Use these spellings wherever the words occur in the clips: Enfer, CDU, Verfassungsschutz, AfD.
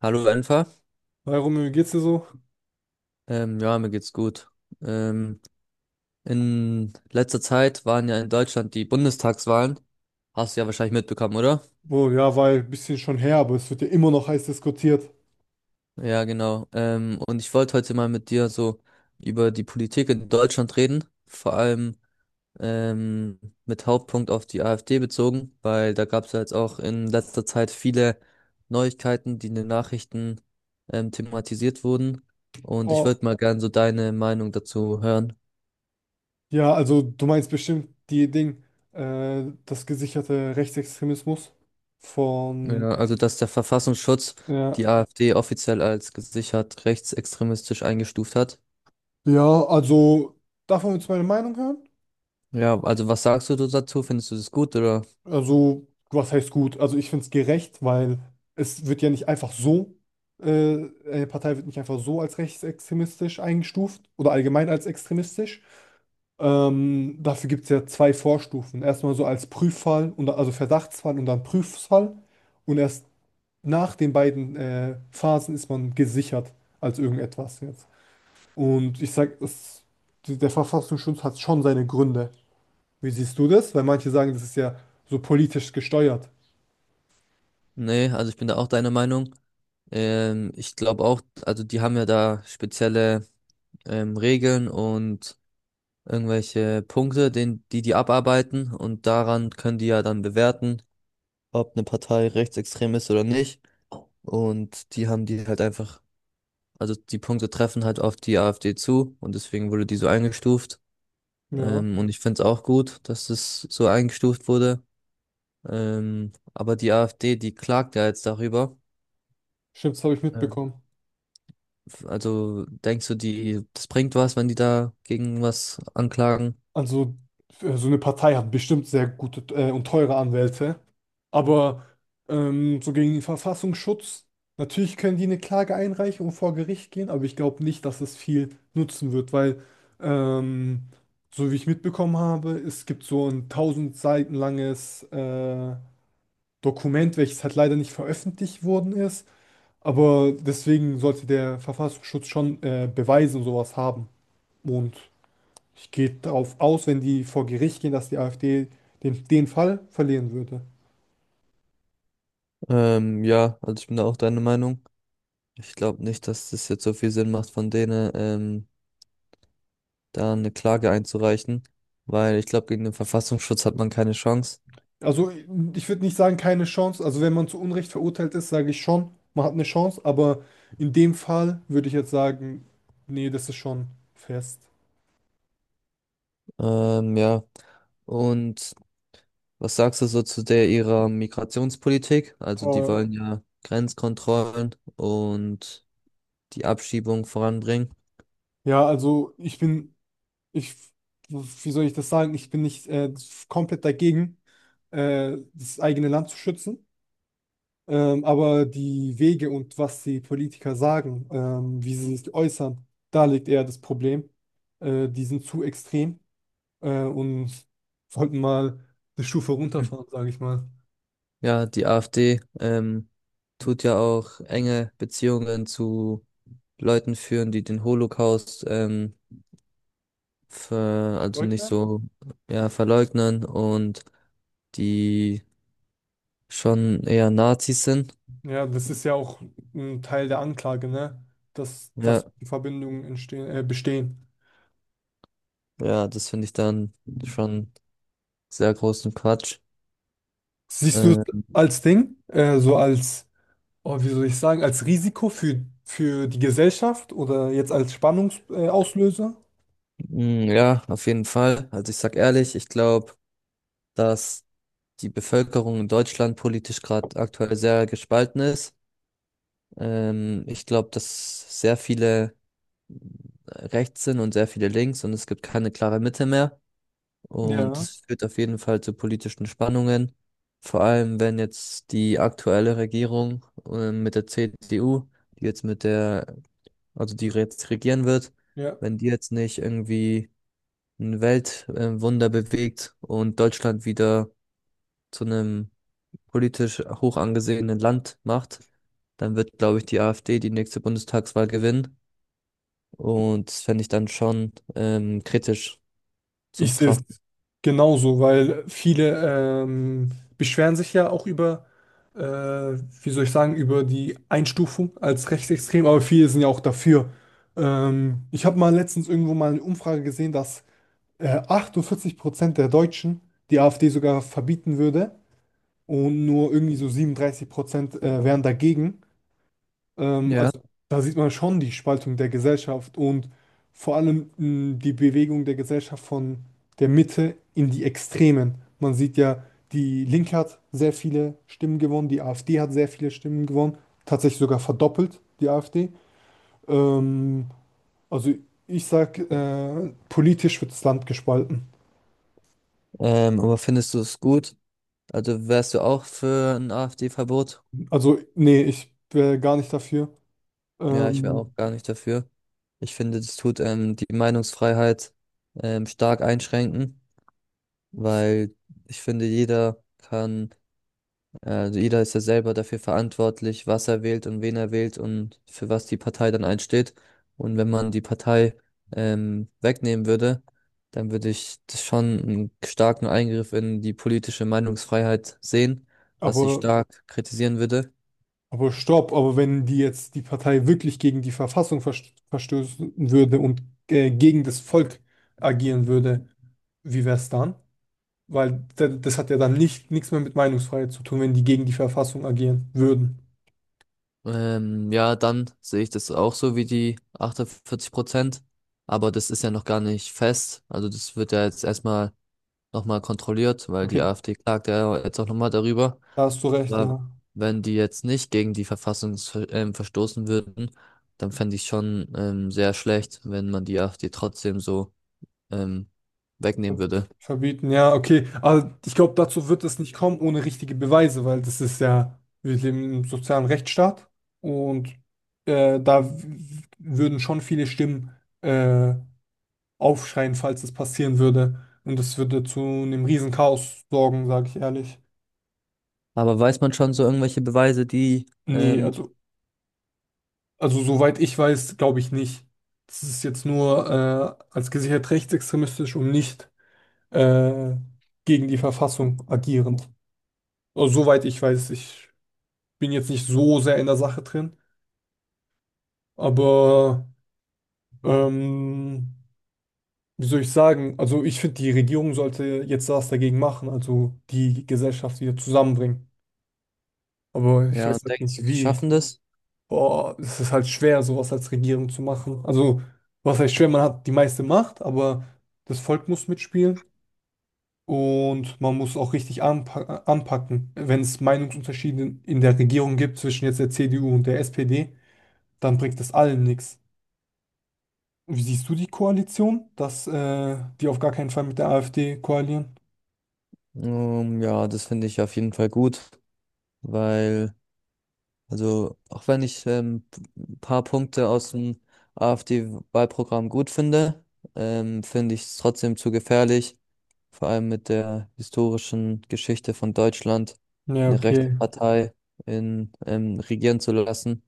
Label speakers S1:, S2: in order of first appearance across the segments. S1: Hallo Enfer.
S2: Hi Romeo, wie geht's dir so?
S1: Ja, mir geht's gut. Ähm, in letzter Zeit waren ja in Deutschland die Bundestagswahlen. Hast du ja wahrscheinlich mitbekommen, oder?
S2: Oh ja, weil ein bisschen schon her, aber es wird ja immer noch heiß diskutiert.
S1: Ja, genau. Und ich wollte heute mal mit dir so über die Politik in Deutschland reden, vor allem ähm, mit Hauptpunkt auf die AfD bezogen, weil da gab es ja jetzt auch in letzter Zeit viele Neuigkeiten, die in den Nachrichten thematisiert wurden. Und ich
S2: Oh,
S1: wollte mal gern so deine Meinung dazu hören.
S2: ja, also du meinst bestimmt die Ding, das gesicherte Rechtsextremismus
S1: Ja,
S2: von,
S1: also dass der Verfassungsschutz
S2: ja.
S1: die AfD offiziell als gesichert rechtsextremistisch eingestuft hat.
S2: Ja, also darf man jetzt meine Meinung hören?
S1: Ja, also was sagst du dazu? Findest du das gut oder?
S2: Also, was heißt gut? Also ich finde es gerecht, weil es wird ja nicht einfach so, eine Partei wird nicht einfach so als rechtsextremistisch eingestuft oder allgemein als extremistisch. Dafür gibt es ja zwei Vorstufen. Erstmal so als Prüffall, und, also Verdachtsfall und dann Prüffall. Und erst nach den beiden Phasen ist man gesichert als irgendetwas jetzt. Und ich sag, es, der Verfassungsschutz hat schon seine Gründe. Wie siehst du das? Weil manche sagen, das ist ja so politisch gesteuert.
S1: Nee, also ich bin da auch deiner Meinung. Ich glaube auch, also die haben ja da spezielle Regeln und irgendwelche Punkte, die die abarbeiten und daran können die ja dann bewerten, ob eine Partei rechtsextrem ist oder nicht. Und die haben die halt einfach. Also die Punkte treffen halt auf die AfD zu und deswegen wurde die so eingestuft.
S2: Ja,
S1: Und ich finde es auch gut, dass es so eingestuft wurde. Aber die AfD, die klagt ja jetzt darüber.
S2: stimmt, das habe ich
S1: Ähm,
S2: mitbekommen.
S1: also denkst du, das bringt was, wenn die da gegen was anklagen?
S2: Also, so eine Partei hat bestimmt sehr gute und teure Anwälte. Aber so gegen den Verfassungsschutz, natürlich können die eine Klage einreichen und vor Gericht gehen, aber ich glaube nicht, dass es viel nutzen wird, weil, ähm, so wie ich mitbekommen habe, es gibt so ein 1.000 Seiten langes Dokument, welches halt leider nicht veröffentlicht worden ist, aber deswegen sollte der Verfassungsschutz schon Beweise und sowas haben. Und ich gehe darauf aus, wenn die vor Gericht gehen, dass die AfD den Fall verlieren würde.
S1: Ja, also ich bin da auch deiner Meinung. Ich glaube nicht, dass das jetzt so viel Sinn macht, von denen da eine Klage einzureichen, weil ich glaube, gegen den Verfassungsschutz hat man keine Chance.
S2: Also ich würde nicht sagen, keine Chance. Also wenn man zu Unrecht verurteilt ist, sage ich schon, man hat eine Chance. Aber in dem Fall würde ich jetzt sagen, nee, das ist schon fest.
S1: Ja. Und was sagst du so zu der ihrer Migrationspolitik? Also die
S2: Äh,
S1: wollen ja Grenzkontrollen und die Abschiebung voranbringen.
S2: ja, also ich bin, ich, wie soll ich das sagen? Ich bin nicht komplett dagegen, das eigene Land zu schützen. Aber die Wege und was die Politiker sagen, wie sie sich äußern, da liegt eher das Problem. Die sind zu extrem. Und wollten mal eine Stufe
S1: Hm.
S2: runterfahren, sage ich mal.
S1: Ja, die AfD tut ja auch enge Beziehungen zu Leuten führen, die den Holocaust also nicht
S2: Leugner?
S1: so, ja, verleugnen und die schon eher Nazis sind.
S2: Ja, das ist ja auch ein Teil der Anklage, ne? Dass,
S1: Ja,
S2: dass Verbindungen entstehen, bestehen.
S1: ja, das finde ich dann schon sehr großen Quatsch.
S2: Siehst du es
S1: Äh,
S2: als Ding, so als, oh, wie soll ich sagen, als Risiko für die Gesellschaft oder jetzt als Spannungsauslöser? Auslöser?
S1: Mm, ja, auf jeden Fall. Also ich sag ehrlich, ich glaube, dass die Bevölkerung in Deutschland politisch gerade aktuell sehr gespalten ist. Ich glaube, dass sehr viele rechts sind und sehr viele links und es gibt keine klare Mitte mehr. Und
S2: Ja,
S1: das führt auf jeden Fall zu politischen Spannungen. Vor allem, wenn jetzt die aktuelle Regierung mit der CDU, die jetzt mit der, also die jetzt regieren wird,
S2: ja.
S1: wenn die jetzt nicht irgendwie ein Weltwunder bewegt und Deutschland wieder zu einem politisch hoch angesehenen Land macht, dann wird, glaube ich, die AfD die nächste Bundestagswahl gewinnen. Und das fände ich dann schon kritisch zu
S2: Ich sehe es
S1: betrachten.
S2: genauso, weil viele beschweren sich ja auch über, wie soll ich sagen, über die Einstufung als rechtsextrem, aber viele sind ja auch dafür. Ich habe mal letztens irgendwo mal eine Umfrage gesehen, dass 48% der Deutschen die AfD sogar verbieten würde und nur irgendwie so 37% wären dagegen.
S1: Ja.
S2: Also da sieht man schon die Spaltung der Gesellschaft und vor allem die Bewegung der Gesellschaft von der Mitte in die Extremen. Man sieht ja, die Linke hat sehr viele Stimmen gewonnen, die AfD hat sehr viele Stimmen gewonnen, tatsächlich sogar verdoppelt, die AfD. Ähm, also ich sag, politisch wird das Land gespalten.
S1: Aber findest du es gut? Also wärst du auch für ein AfD-Verbot?
S2: Also nee, ich wäre gar nicht dafür.
S1: Ja, ich wäre auch
S2: Ähm,
S1: gar nicht dafür. Ich finde, das tut die Meinungsfreiheit stark einschränken, weil ich finde, jeder kann. Also jeder ist ja selber dafür verantwortlich, was er wählt und wen er wählt und für was die Partei dann einsteht. Und wenn man die Partei wegnehmen würde, dann würde ich das schon einen starken Eingriff in die politische Meinungsfreiheit sehen, was ich
S2: aber
S1: stark kritisieren würde.
S2: Aber stopp, aber wenn die jetzt die Partei wirklich gegen die Verfassung verstoßen würde und gegen das Volk agieren würde, wie wäre es dann? Weil das hat ja dann nicht, nichts mehr mit Meinungsfreiheit zu tun, wenn die gegen die Verfassung agieren würden.
S1: Ja, dann sehe ich das auch so wie die 48%. Aber das ist ja noch gar nicht fest. Also das wird ja jetzt erstmal nochmal kontrolliert, weil die
S2: Okay,
S1: AfD klagt ja jetzt auch nochmal darüber.
S2: da hast du recht,
S1: Aber
S2: ja.
S1: wenn die jetzt nicht gegen die Verfassung verstoßen würden, dann fände ich schon sehr schlecht, wenn man die AfD trotzdem so ähm, wegnehmen
S2: Ver-
S1: würde.
S2: Verbieten, ja, okay. Aber ich glaube, dazu wird es nicht kommen ohne richtige Beweise, weil das ist ja, wir leben im sozialen Rechtsstaat und äh, da w- würden schon viele Stimmen. äh, Aufschreien, falls es passieren würde. Und das würde zu einem riesen Chaos sorgen, sage ich ehrlich.
S1: Aber weiß man schon so irgendwelche Beweise, die?
S2: Nee,
S1: ähm,
S2: also soweit ich weiß, glaube ich nicht. Das ist jetzt nur als gesichert rechtsextremistisch und nicht äh, gegen die Verfassung agierend. Also, soweit ich weiß, ich bin jetzt nicht so sehr in der Sache drin, aber ähm, wie soll ich sagen? Also ich finde, die Regierung sollte jetzt was dagegen machen, also die Gesellschaft wieder zusammenbringen. Aber ich
S1: ja,
S2: weiß halt
S1: denkst du,
S2: nicht
S1: die
S2: wie.
S1: schaffen das?
S2: Boah, es ist halt schwer, sowas als Regierung zu machen. Also, was heißt schwer? Man hat die meiste Macht, aber das Volk muss mitspielen und man muss auch richtig anpacken. Wenn es Meinungsunterschiede in der Regierung gibt zwischen jetzt der CDU und der SPD, dann bringt das allen nichts. Wie siehst du die Koalition, dass die auf gar keinen Fall mit der AfD koalieren?
S1: Ja, das finde ich auf jeden Fall gut, weil. Also, auch wenn ich ein paar Punkte aus dem AfD-Wahlprogramm gut finde, finde ich es trotzdem zu gefährlich, vor allem mit der historischen Geschichte von Deutschland,
S2: Ja,
S1: eine rechte
S2: okay.
S1: Partei in, regieren zu lassen.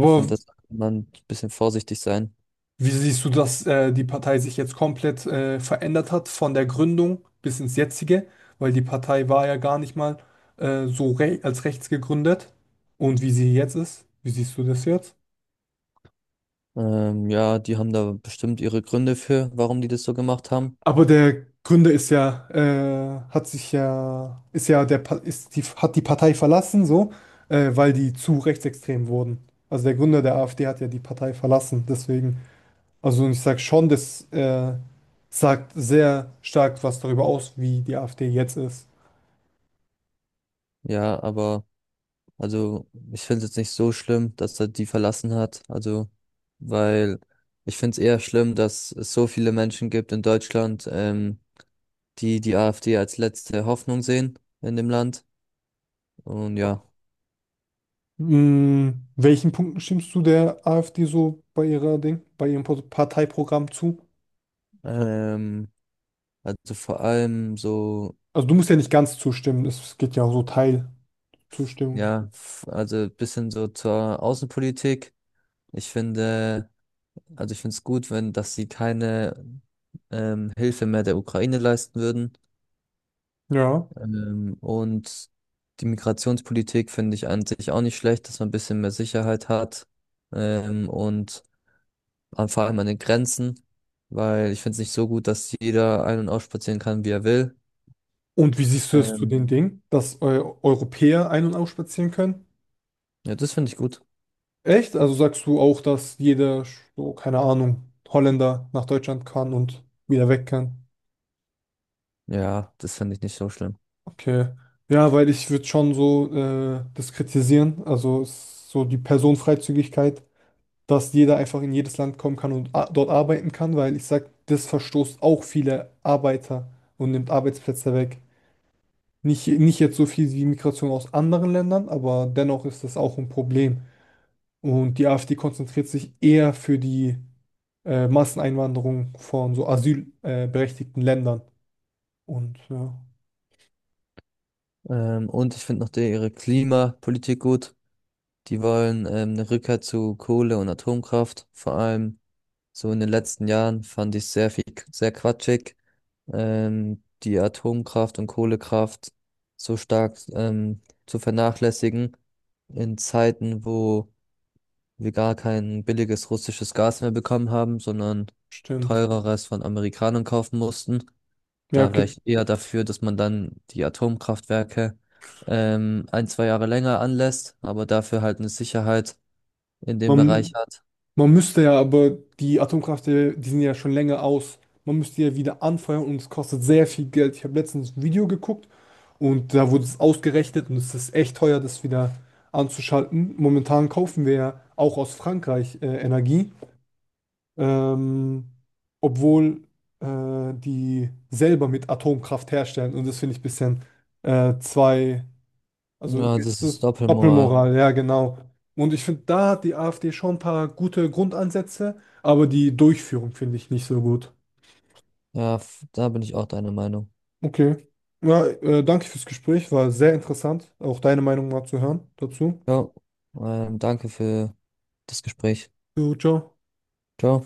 S1: Ich finde, da sollte man ein bisschen vorsichtig sein.
S2: Wie siehst du, dass die Partei sich jetzt komplett verändert hat von der Gründung bis ins jetzige? Weil die Partei war ja gar nicht mal so re als rechts gegründet. Und wie sie jetzt ist, wie siehst du das jetzt?
S1: Ja, die haben da bestimmt ihre Gründe für, warum die das so gemacht haben.
S2: Aber der Gründer ist ja, hat sich ja, ist ja der, ist die, hat die Partei verlassen, so, weil die zu rechtsextrem wurden. Also der Gründer der AfD hat ja die Partei verlassen, deswegen. Also ich sage schon, das sagt sehr stark was darüber aus, wie die AfD jetzt ist.
S1: Ja, aber. Also, ich finde es jetzt nicht so schlimm, dass er die verlassen hat. Also, weil ich finde es eher schlimm, dass es so viele Menschen gibt in Deutschland, die die AfD als letzte Hoffnung sehen in dem Land. Und ja,
S2: Mm, Welchen Punkten stimmst du der AfD so bei ihrer Ding, bei ihrem Parteiprogramm zu?
S1: ähm, also vor allem so,
S2: Also du musst ja nicht ganz zustimmen, es geht ja auch so Teilzustimmung.
S1: ja, also bisschen so zur Außenpolitik. Ich finde, also ich finde es gut, wenn, dass sie keine Hilfe mehr der Ukraine leisten würden.
S2: Ja.
S1: Und die Migrationspolitik finde ich an sich auch nicht schlecht, dass man ein bisschen mehr Sicherheit hat. Und vor allem an den Grenzen, weil ich finde es nicht so gut, dass jeder ein- und ausspazieren kann, wie er will.
S2: Und wie siehst du es zu
S1: Ähm,
S2: den Dingen, dass Europäer ein- und ausspazieren können?
S1: ja, das finde ich gut.
S2: Echt? Also sagst du auch, dass jeder, so, keine Ahnung, Holländer nach Deutschland kann und wieder weg kann?
S1: Ja, das finde ich nicht so schlimm.
S2: Okay. Ja, weil ich würde schon so das kritisieren, also so die Personenfreizügigkeit, dass jeder einfach in jedes Land kommen kann und dort arbeiten kann, weil ich sag, das verstoßt auch viele Arbeiter und nimmt Arbeitsplätze weg. Nicht, nicht jetzt so viel wie Migration aus anderen Ländern, aber dennoch ist das auch ein Problem. Und die AfD konzentriert sich eher für die Masseneinwanderung von so asylberechtigten berechtigten Ländern. Und ja,
S1: Und ich finde noch die, ihre Klimapolitik gut. Die wollen eine Rückkehr zu Kohle und Atomkraft, vor allem. So in den letzten Jahren fand ich sehr viel, sehr quatschig, die Atomkraft und Kohlekraft so stark zu vernachlässigen in Zeiten, wo wir gar kein billiges russisches Gas mehr bekommen haben, sondern
S2: stimmt.
S1: teureres von Amerikanern kaufen mussten.
S2: Ja,
S1: Da wäre
S2: okay.
S1: ich eher dafür, dass man dann die Atomkraftwerke ein, zwei Jahre länger anlässt, aber dafür halt eine Sicherheit in dem Bereich
S2: Man,
S1: hat.
S2: Man müsste ja, aber die Atomkraftwerke, die sind ja schon länger aus. Man müsste ja wieder anfeuern und es kostet sehr viel Geld. Ich habe letztens ein Video geguckt und da wurde es ausgerechnet und es ist echt teuer, das wieder anzuschalten. Momentan kaufen wir ja auch aus Frankreich Energie, ähm, obwohl die selber mit Atomkraft herstellen und das finde ich ein bisschen zwei also
S1: Ja, das
S2: äh,
S1: ist Doppelmoral.
S2: Doppelmoral, ja, genau. Und ich finde, da hat die AfD schon ein paar gute Grundansätze, aber die Durchführung finde ich nicht so gut.
S1: Ja, da bin ich auch deiner Meinung.
S2: Okay. Ja, danke fürs Gespräch, war sehr interessant, auch deine Meinung mal zu hören dazu.
S1: Ja, danke für das Gespräch.
S2: Jo, ciao.
S1: Ciao.